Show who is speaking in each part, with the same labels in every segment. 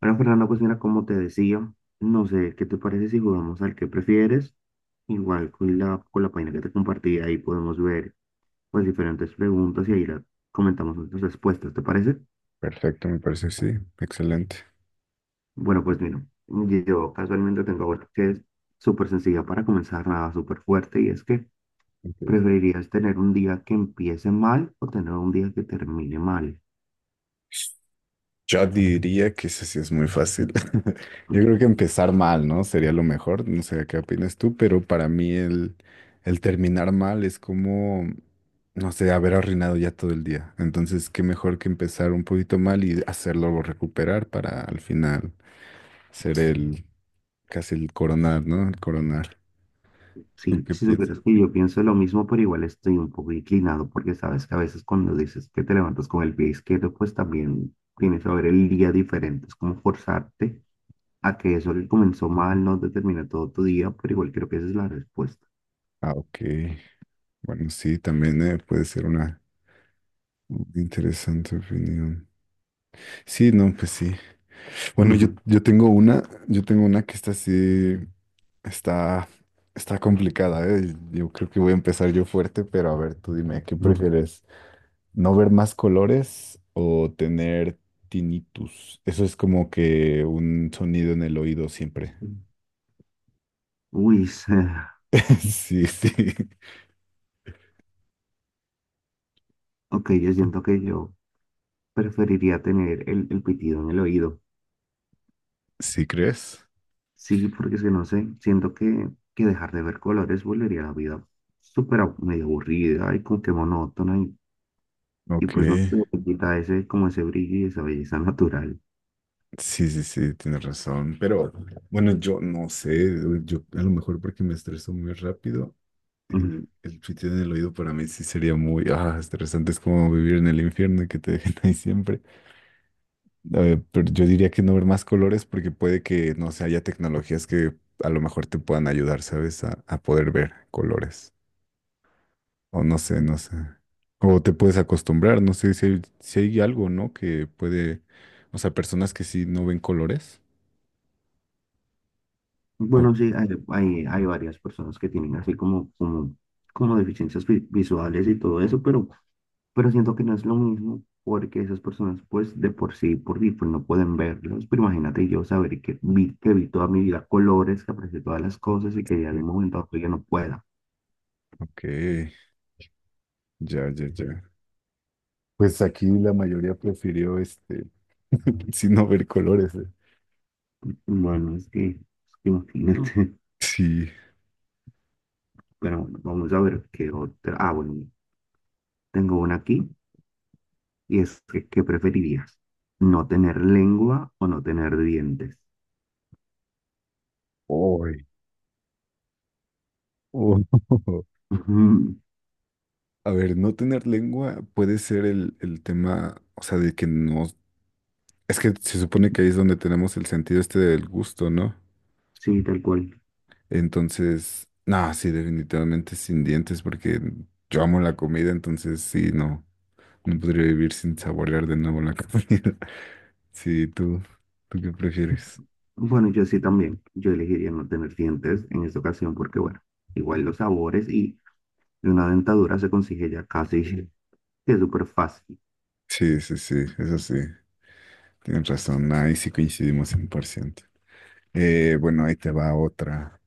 Speaker 1: Bueno, Fernando, pues mira, como te decía, no sé, ¿qué te parece si jugamos al que prefieres? Igual con la página que te compartí, ahí podemos ver pues diferentes preguntas y comentamos nuestras respuestas, ¿te parece?
Speaker 2: Perfecto, me parece, sí. Excelente.
Speaker 1: Bueno, pues mira, yo casualmente tengo otra que es súper sencilla para comenzar, nada súper fuerte, y es que
Speaker 2: Ok.
Speaker 1: ¿preferirías tener un día que empiece mal o tener un día que termine mal?
Speaker 2: Yo diría que eso sí es muy fácil. Yo creo que empezar mal, ¿no? Sería lo mejor. No sé qué opinas tú, pero para mí el terminar mal es como, no sé, haber arruinado ya todo el día. Entonces, qué mejor que empezar un poquito mal y hacerlo recuperar para al final ser el, casi el coronar, ¿no? El coronar. ¿Tú
Speaker 1: Sí,
Speaker 2: qué
Speaker 1: si
Speaker 2: piensas?
Speaker 1: supieras que yo pienso lo mismo, pero igual estoy un poco inclinado porque sabes que a veces cuando dices que te levantas con el pie izquierdo, pues también tienes que ver el día diferente. Es como forzarte a que eso que comenzó mal no determina todo tu día, pero igual creo que esa es la respuesta.
Speaker 2: Ah, ok. Bueno, sí, también puede ser una interesante opinión. Sí, no, pues sí. Bueno, yo tengo una que está así, está, está complicada, ¿eh? Yo creo que voy a empezar yo fuerte, pero a ver, tú dime, ¿qué prefieres? ¿No ver más colores o tener tinnitus? Eso es como que un sonido en el oído siempre.
Speaker 1: Uy, se-
Speaker 2: Sí, sí.
Speaker 1: ok, yo siento que yo preferiría tener el pitido en el oído.
Speaker 2: ¿Sí crees?
Speaker 1: Sí, porque es que no sé, siento que dejar de ver colores volvería a la vida medio aburrida y como que monótona. Y
Speaker 2: Ok.
Speaker 1: pues no se le quita ese, como ese brillo y esa belleza natural.
Speaker 2: Sí, sí, sí, tienes razón, pero bueno, yo no sé, yo a lo mejor porque me estreso muy rápido,
Speaker 1: Mm.
Speaker 2: el chute en el oído para mí sí sería muy, estresante, es como vivir en el infierno y que te dejen ahí siempre. Pero yo diría que no ver más colores porque puede que, no sé, haya tecnologías que a lo mejor te puedan ayudar, ¿sabes? A poder ver colores, o no sé, no sé. O te puedes acostumbrar, no sé si hay algo, ¿no? Que puede, o sea, personas que sí no ven colores. O
Speaker 1: Bueno, sí, hay varias personas que tienen así como deficiencias visuales y todo eso, pero siento que no es lo mismo porque esas personas pues de por sí, pues no pueden verlos. Pero imagínate yo saber que vi toda mi vida colores, que aprecié todas las cosas y que ya de un momento a otro ya no pueda.
Speaker 2: Ok, ya, ya, ya. Pues aquí la mayoría prefirió este, sin no ver colores.
Speaker 1: Bueno, es que imagínate.
Speaker 2: Sí.
Speaker 1: Pero bueno, vamos a ver qué otra. Ah, bueno, tengo una aquí. Y es que, ¿qué preferirías? ¿No tener lengua o no tener dientes?
Speaker 2: Uy. Oh.
Speaker 1: Ujú.
Speaker 2: A ver, no tener lengua puede ser el tema, o sea, de que no. Es que se supone que ahí es donde tenemos el sentido este del gusto, ¿no?
Speaker 1: Sí, tal cual.
Speaker 2: Entonces, no, sí, definitivamente sin dientes, porque yo amo la comida, entonces sí, no, no podría vivir sin saborear de nuevo la comida. Sí, ¿tú qué prefieres?
Speaker 1: Bueno, yo sí también. Yo elegiría no tener dientes en esta ocasión porque, bueno, igual los sabores y una dentadura se consigue ya casi que es súper fácil.
Speaker 2: Sí, sí, sí, eso sí, tienes razón, ahí sí coincidimos 100%. Bueno, ahí te va otra.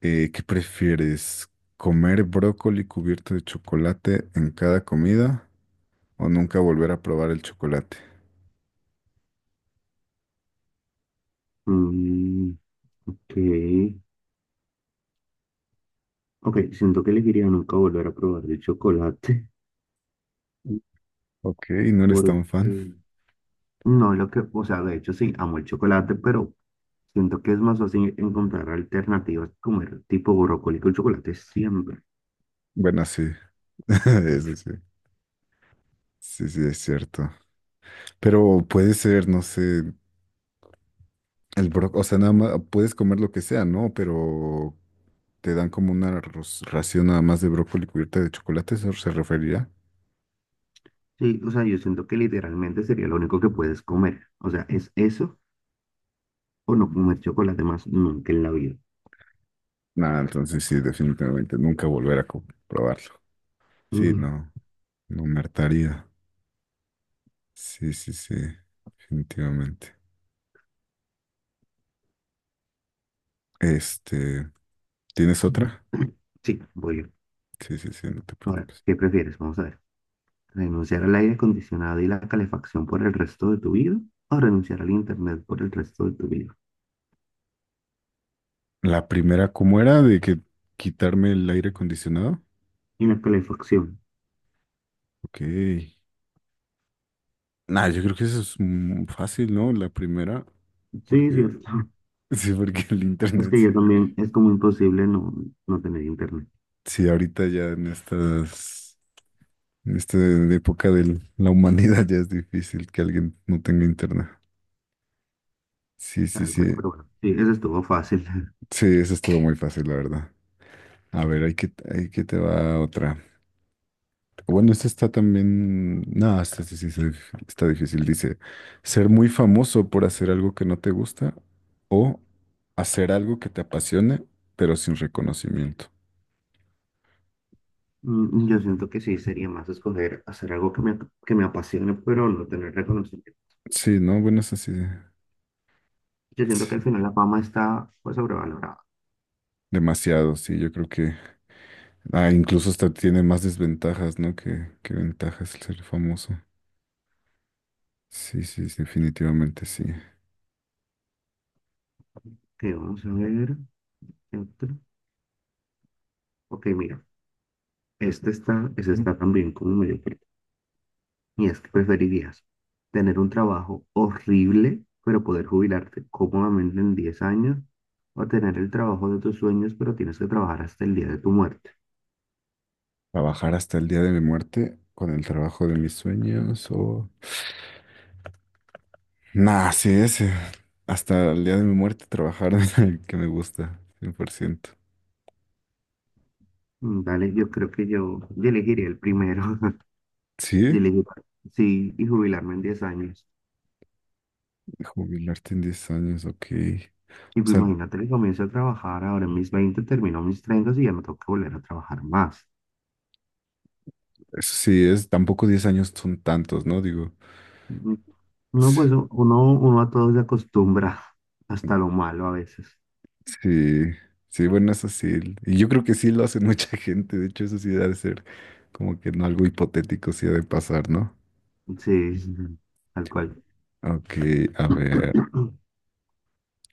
Speaker 2: ¿Qué prefieres? ¿Comer brócoli cubierto de chocolate en cada comida o nunca volver a probar el chocolate?
Speaker 1: Mm, ok. Ok, siento que elegiría nunca volver a probar el chocolate.
Speaker 2: Mm. Ok, no eres
Speaker 1: Porque
Speaker 2: tan fan.
Speaker 1: no, lo que, o sea, de hecho sí, amo el chocolate, pero siento que es más fácil encontrar alternativas, comer tipo brócoli con chocolate siempre.
Speaker 2: Bueno, sí, eso sí, sí, sí, es cierto. Pero puede ser, no sé, el brócoli, o sea, nada más puedes comer lo que sea, ¿no? Pero te dan como una ración nada más de brócoli cubierta de chocolate, ¿eso se referirá?
Speaker 1: Sí, o sea, yo siento que literalmente sería lo único que puedes comer. O sea, es eso o no comer chocolate más nunca en la vida.
Speaker 2: Nada, entonces sí, definitivamente nunca volver a probarlo. Sí,
Speaker 1: Mm.
Speaker 2: no, no me hartaría. Sí, sí, sí, definitivamente. Este, ¿Tienes otra?
Speaker 1: Sí, voy yo.
Speaker 2: Sí, sí, sí, no te
Speaker 1: Ahora,
Speaker 2: preocupes.
Speaker 1: ¿qué prefieres? Vamos a ver. ¿Renunciar al aire acondicionado y la calefacción por el resto de tu vida? ¿O renunciar al internet por el resto de tu vida?
Speaker 2: La primera, ¿cómo era? De que quitarme el aire acondicionado.
Speaker 1: Y la calefacción.
Speaker 2: Ok. Nah, yo creo que eso es fácil, ¿no? La primera,
Speaker 1: Sí,
Speaker 2: porque
Speaker 1: cierto.
Speaker 2: sí, porque el
Speaker 1: Es
Speaker 2: internet,
Speaker 1: que
Speaker 2: sí.
Speaker 1: yo también, es como imposible no tener internet,
Speaker 2: Sí, ahorita ya en esta época de la humanidad ya es difícil que alguien no tenga internet. Sí, sí,
Speaker 1: tal cual,
Speaker 2: sí.
Speaker 1: pero bueno, sí, eso estuvo fácil.
Speaker 2: Sí, eso estuvo muy fácil, la verdad. A ver, hay que te va otra. Bueno, esta está también. No, esta sí, sí, sí, está difícil. Dice, ser muy famoso por hacer algo que no te gusta o hacer algo que te apasione, pero sin reconocimiento.
Speaker 1: Mm, yo siento que sí, sería más escoger hacer algo que me apasione, pero no tener reconocimiento.
Speaker 2: Sí, no, bueno, es así.
Speaker 1: Yo siento que
Speaker 2: Sí,
Speaker 1: al final la fama está pues sobrevalorada.
Speaker 2: demasiado, sí, yo creo que incluso hasta tiene más desventajas, ¿no? Que ventajas el ser famoso. Sí, sí, sí, definitivamente sí.
Speaker 1: Que vamos a ver, ¿qué otro? Ok, mira, ese está también como medio fuerte. Y es que preferirías tener un trabajo horrible, pero poder jubilarte cómodamente en 10 años, o tener el trabajo de tus sueños, pero tienes que trabajar hasta el día de tu muerte.
Speaker 2: Trabajar hasta el día de mi muerte con el trabajo de mis sueños o... Nah, sí, ese. Hasta el día de mi muerte trabajar en el que me gusta, 100%.
Speaker 1: Mm, dale, yo creo que yo elegiría el primero. Yo
Speaker 2: Sí,
Speaker 1: elegiría, sí, y jubilarme en 10 años.
Speaker 2: jubilarte en 10 años, ok.
Speaker 1: Y
Speaker 2: O
Speaker 1: pues
Speaker 2: sea,
Speaker 1: imagínate que comienzo a trabajar ahora en mis 20 termino mis 30 y ya no tengo que volver a trabajar más.
Speaker 2: eso sí es, tampoco 10 años son tantos, ¿no? Digo,
Speaker 1: Mm, no, pues uno a todo se acostumbra, hasta lo malo a veces.
Speaker 2: sí, sí, bueno, eso sí. Y yo creo que sí lo hace mucha gente. De hecho, eso sí debe ser como que no algo hipotético, sí ha de pasar, ¿no?
Speaker 1: Sí, ujú, tal cual.
Speaker 2: Ok, a ver,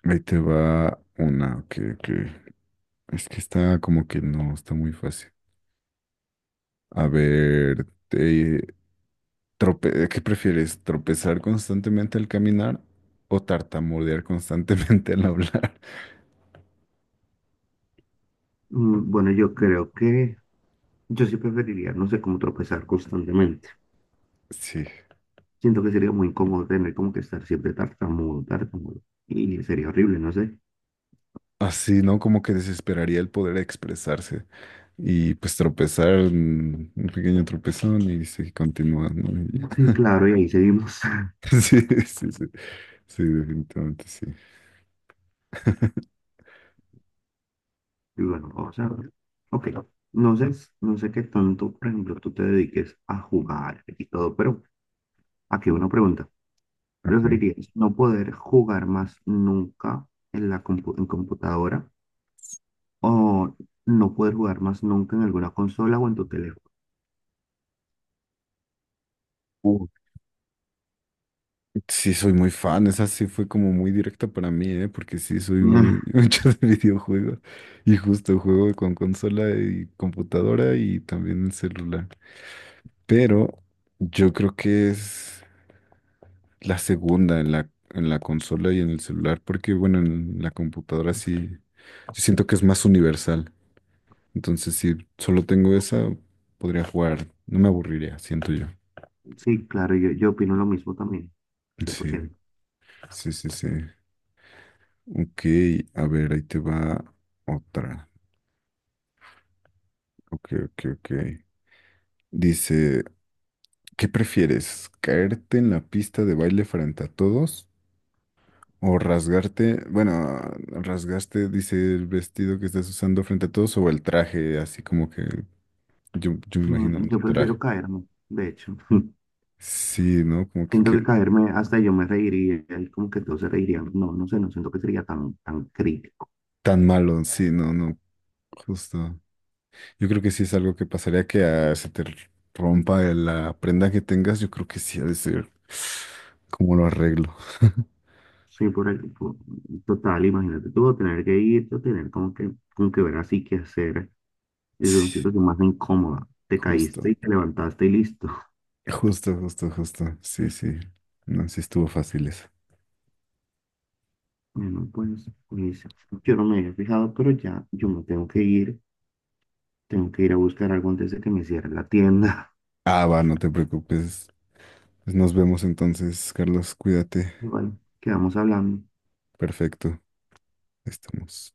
Speaker 2: ahí te va una, ok, ok. Es que está como que no, está muy fácil. A ver, ¿qué prefieres? ¿Tropezar constantemente al caminar o tartamudear constantemente al hablar?
Speaker 1: Mm, bueno, yo creo que yo sí preferiría, no sé, cómo tropezar constantemente.
Speaker 2: Sí.
Speaker 1: Siento que sería muy incómodo tener como que estar siempre tartamudo. Y sería horrible, no sé.
Speaker 2: Así, ¿no? Como que desesperaría el poder expresarse y pues tropezar, un pequeño tropezón y se continúa, ¿no? Y ya.
Speaker 1: Sí, claro, y ahí seguimos.
Speaker 2: Sí, sí, sí, sí, definitivamente sí.
Speaker 1: Y bueno, vamos a ver. Ok, no sé, qué tanto, por ejemplo, tú te dediques a jugar y todo, pero aquí una pregunta.
Speaker 2: Okay.
Speaker 1: ¿Preferirías no poder jugar más nunca en computadora o no poder jugar más nunca en alguna consola o en tu teléfono?
Speaker 2: Uh, sí, soy muy fan, esa sí fue como muy directa para mí, ¿eh? Porque sí, soy
Speaker 1: Mm.
Speaker 2: muy mucho de videojuegos y justo juego con consola y computadora y también el celular. Pero yo creo que la segunda en la consola y en el celular, porque bueno, en la computadora sí, sí siento que es más universal. Entonces, si solo tengo esa, podría jugar, no me aburriría, siento yo.
Speaker 1: Sí, claro, yo opino lo mismo también,
Speaker 2: Sí,
Speaker 1: 100%.
Speaker 2: sí, sí, sí. Ok, a ver, ahí te va otra. Ok, ok, ok. Dice, ¿qué prefieres? ¿Caerte en la pista de baile frente a todos? ¿O rasgarte? Bueno, rasgaste, dice el vestido que estás usando frente a todos o el traje, así como que yo me imagino
Speaker 1: Mm,
Speaker 2: el
Speaker 1: yo
Speaker 2: traje.
Speaker 1: prefiero caerme, de hecho.
Speaker 2: Sí, ¿no? Como que,
Speaker 1: Siento que
Speaker 2: que
Speaker 1: caerme, hasta yo me reiría, y como que todos se reirían. No, no sé, no siento que sería tan, tan crítico.
Speaker 2: tan malo. Sí, no, no. Justo. Yo creo que sí es algo que pasaría que se te rompa la prenda que tengas. Yo creo que sí ha de ser. ¿Cómo lo arreglo?
Speaker 1: Sí, total, imagínate tú tener como que ver así qué hacer. Es una
Speaker 2: Sí,
Speaker 1: situación más incómoda. Te
Speaker 2: justo.
Speaker 1: caíste y te levantaste y listo.
Speaker 2: Justo, justo, justo. Sí, sí. No, sí estuvo fácil eso.
Speaker 1: Bueno, pues, yo no me había fijado, pero ya yo me tengo que ir. Tengo que ir a buscar algo antes de que me cierre la tienda.
Speaker 2: Ah, va, no te preocupes. Pues nos vemos entonces, Carlos. Cuídate.
Speaker 1: Y bueno, quedamos hablando.
Speaker 2: Perfecto. Estamos.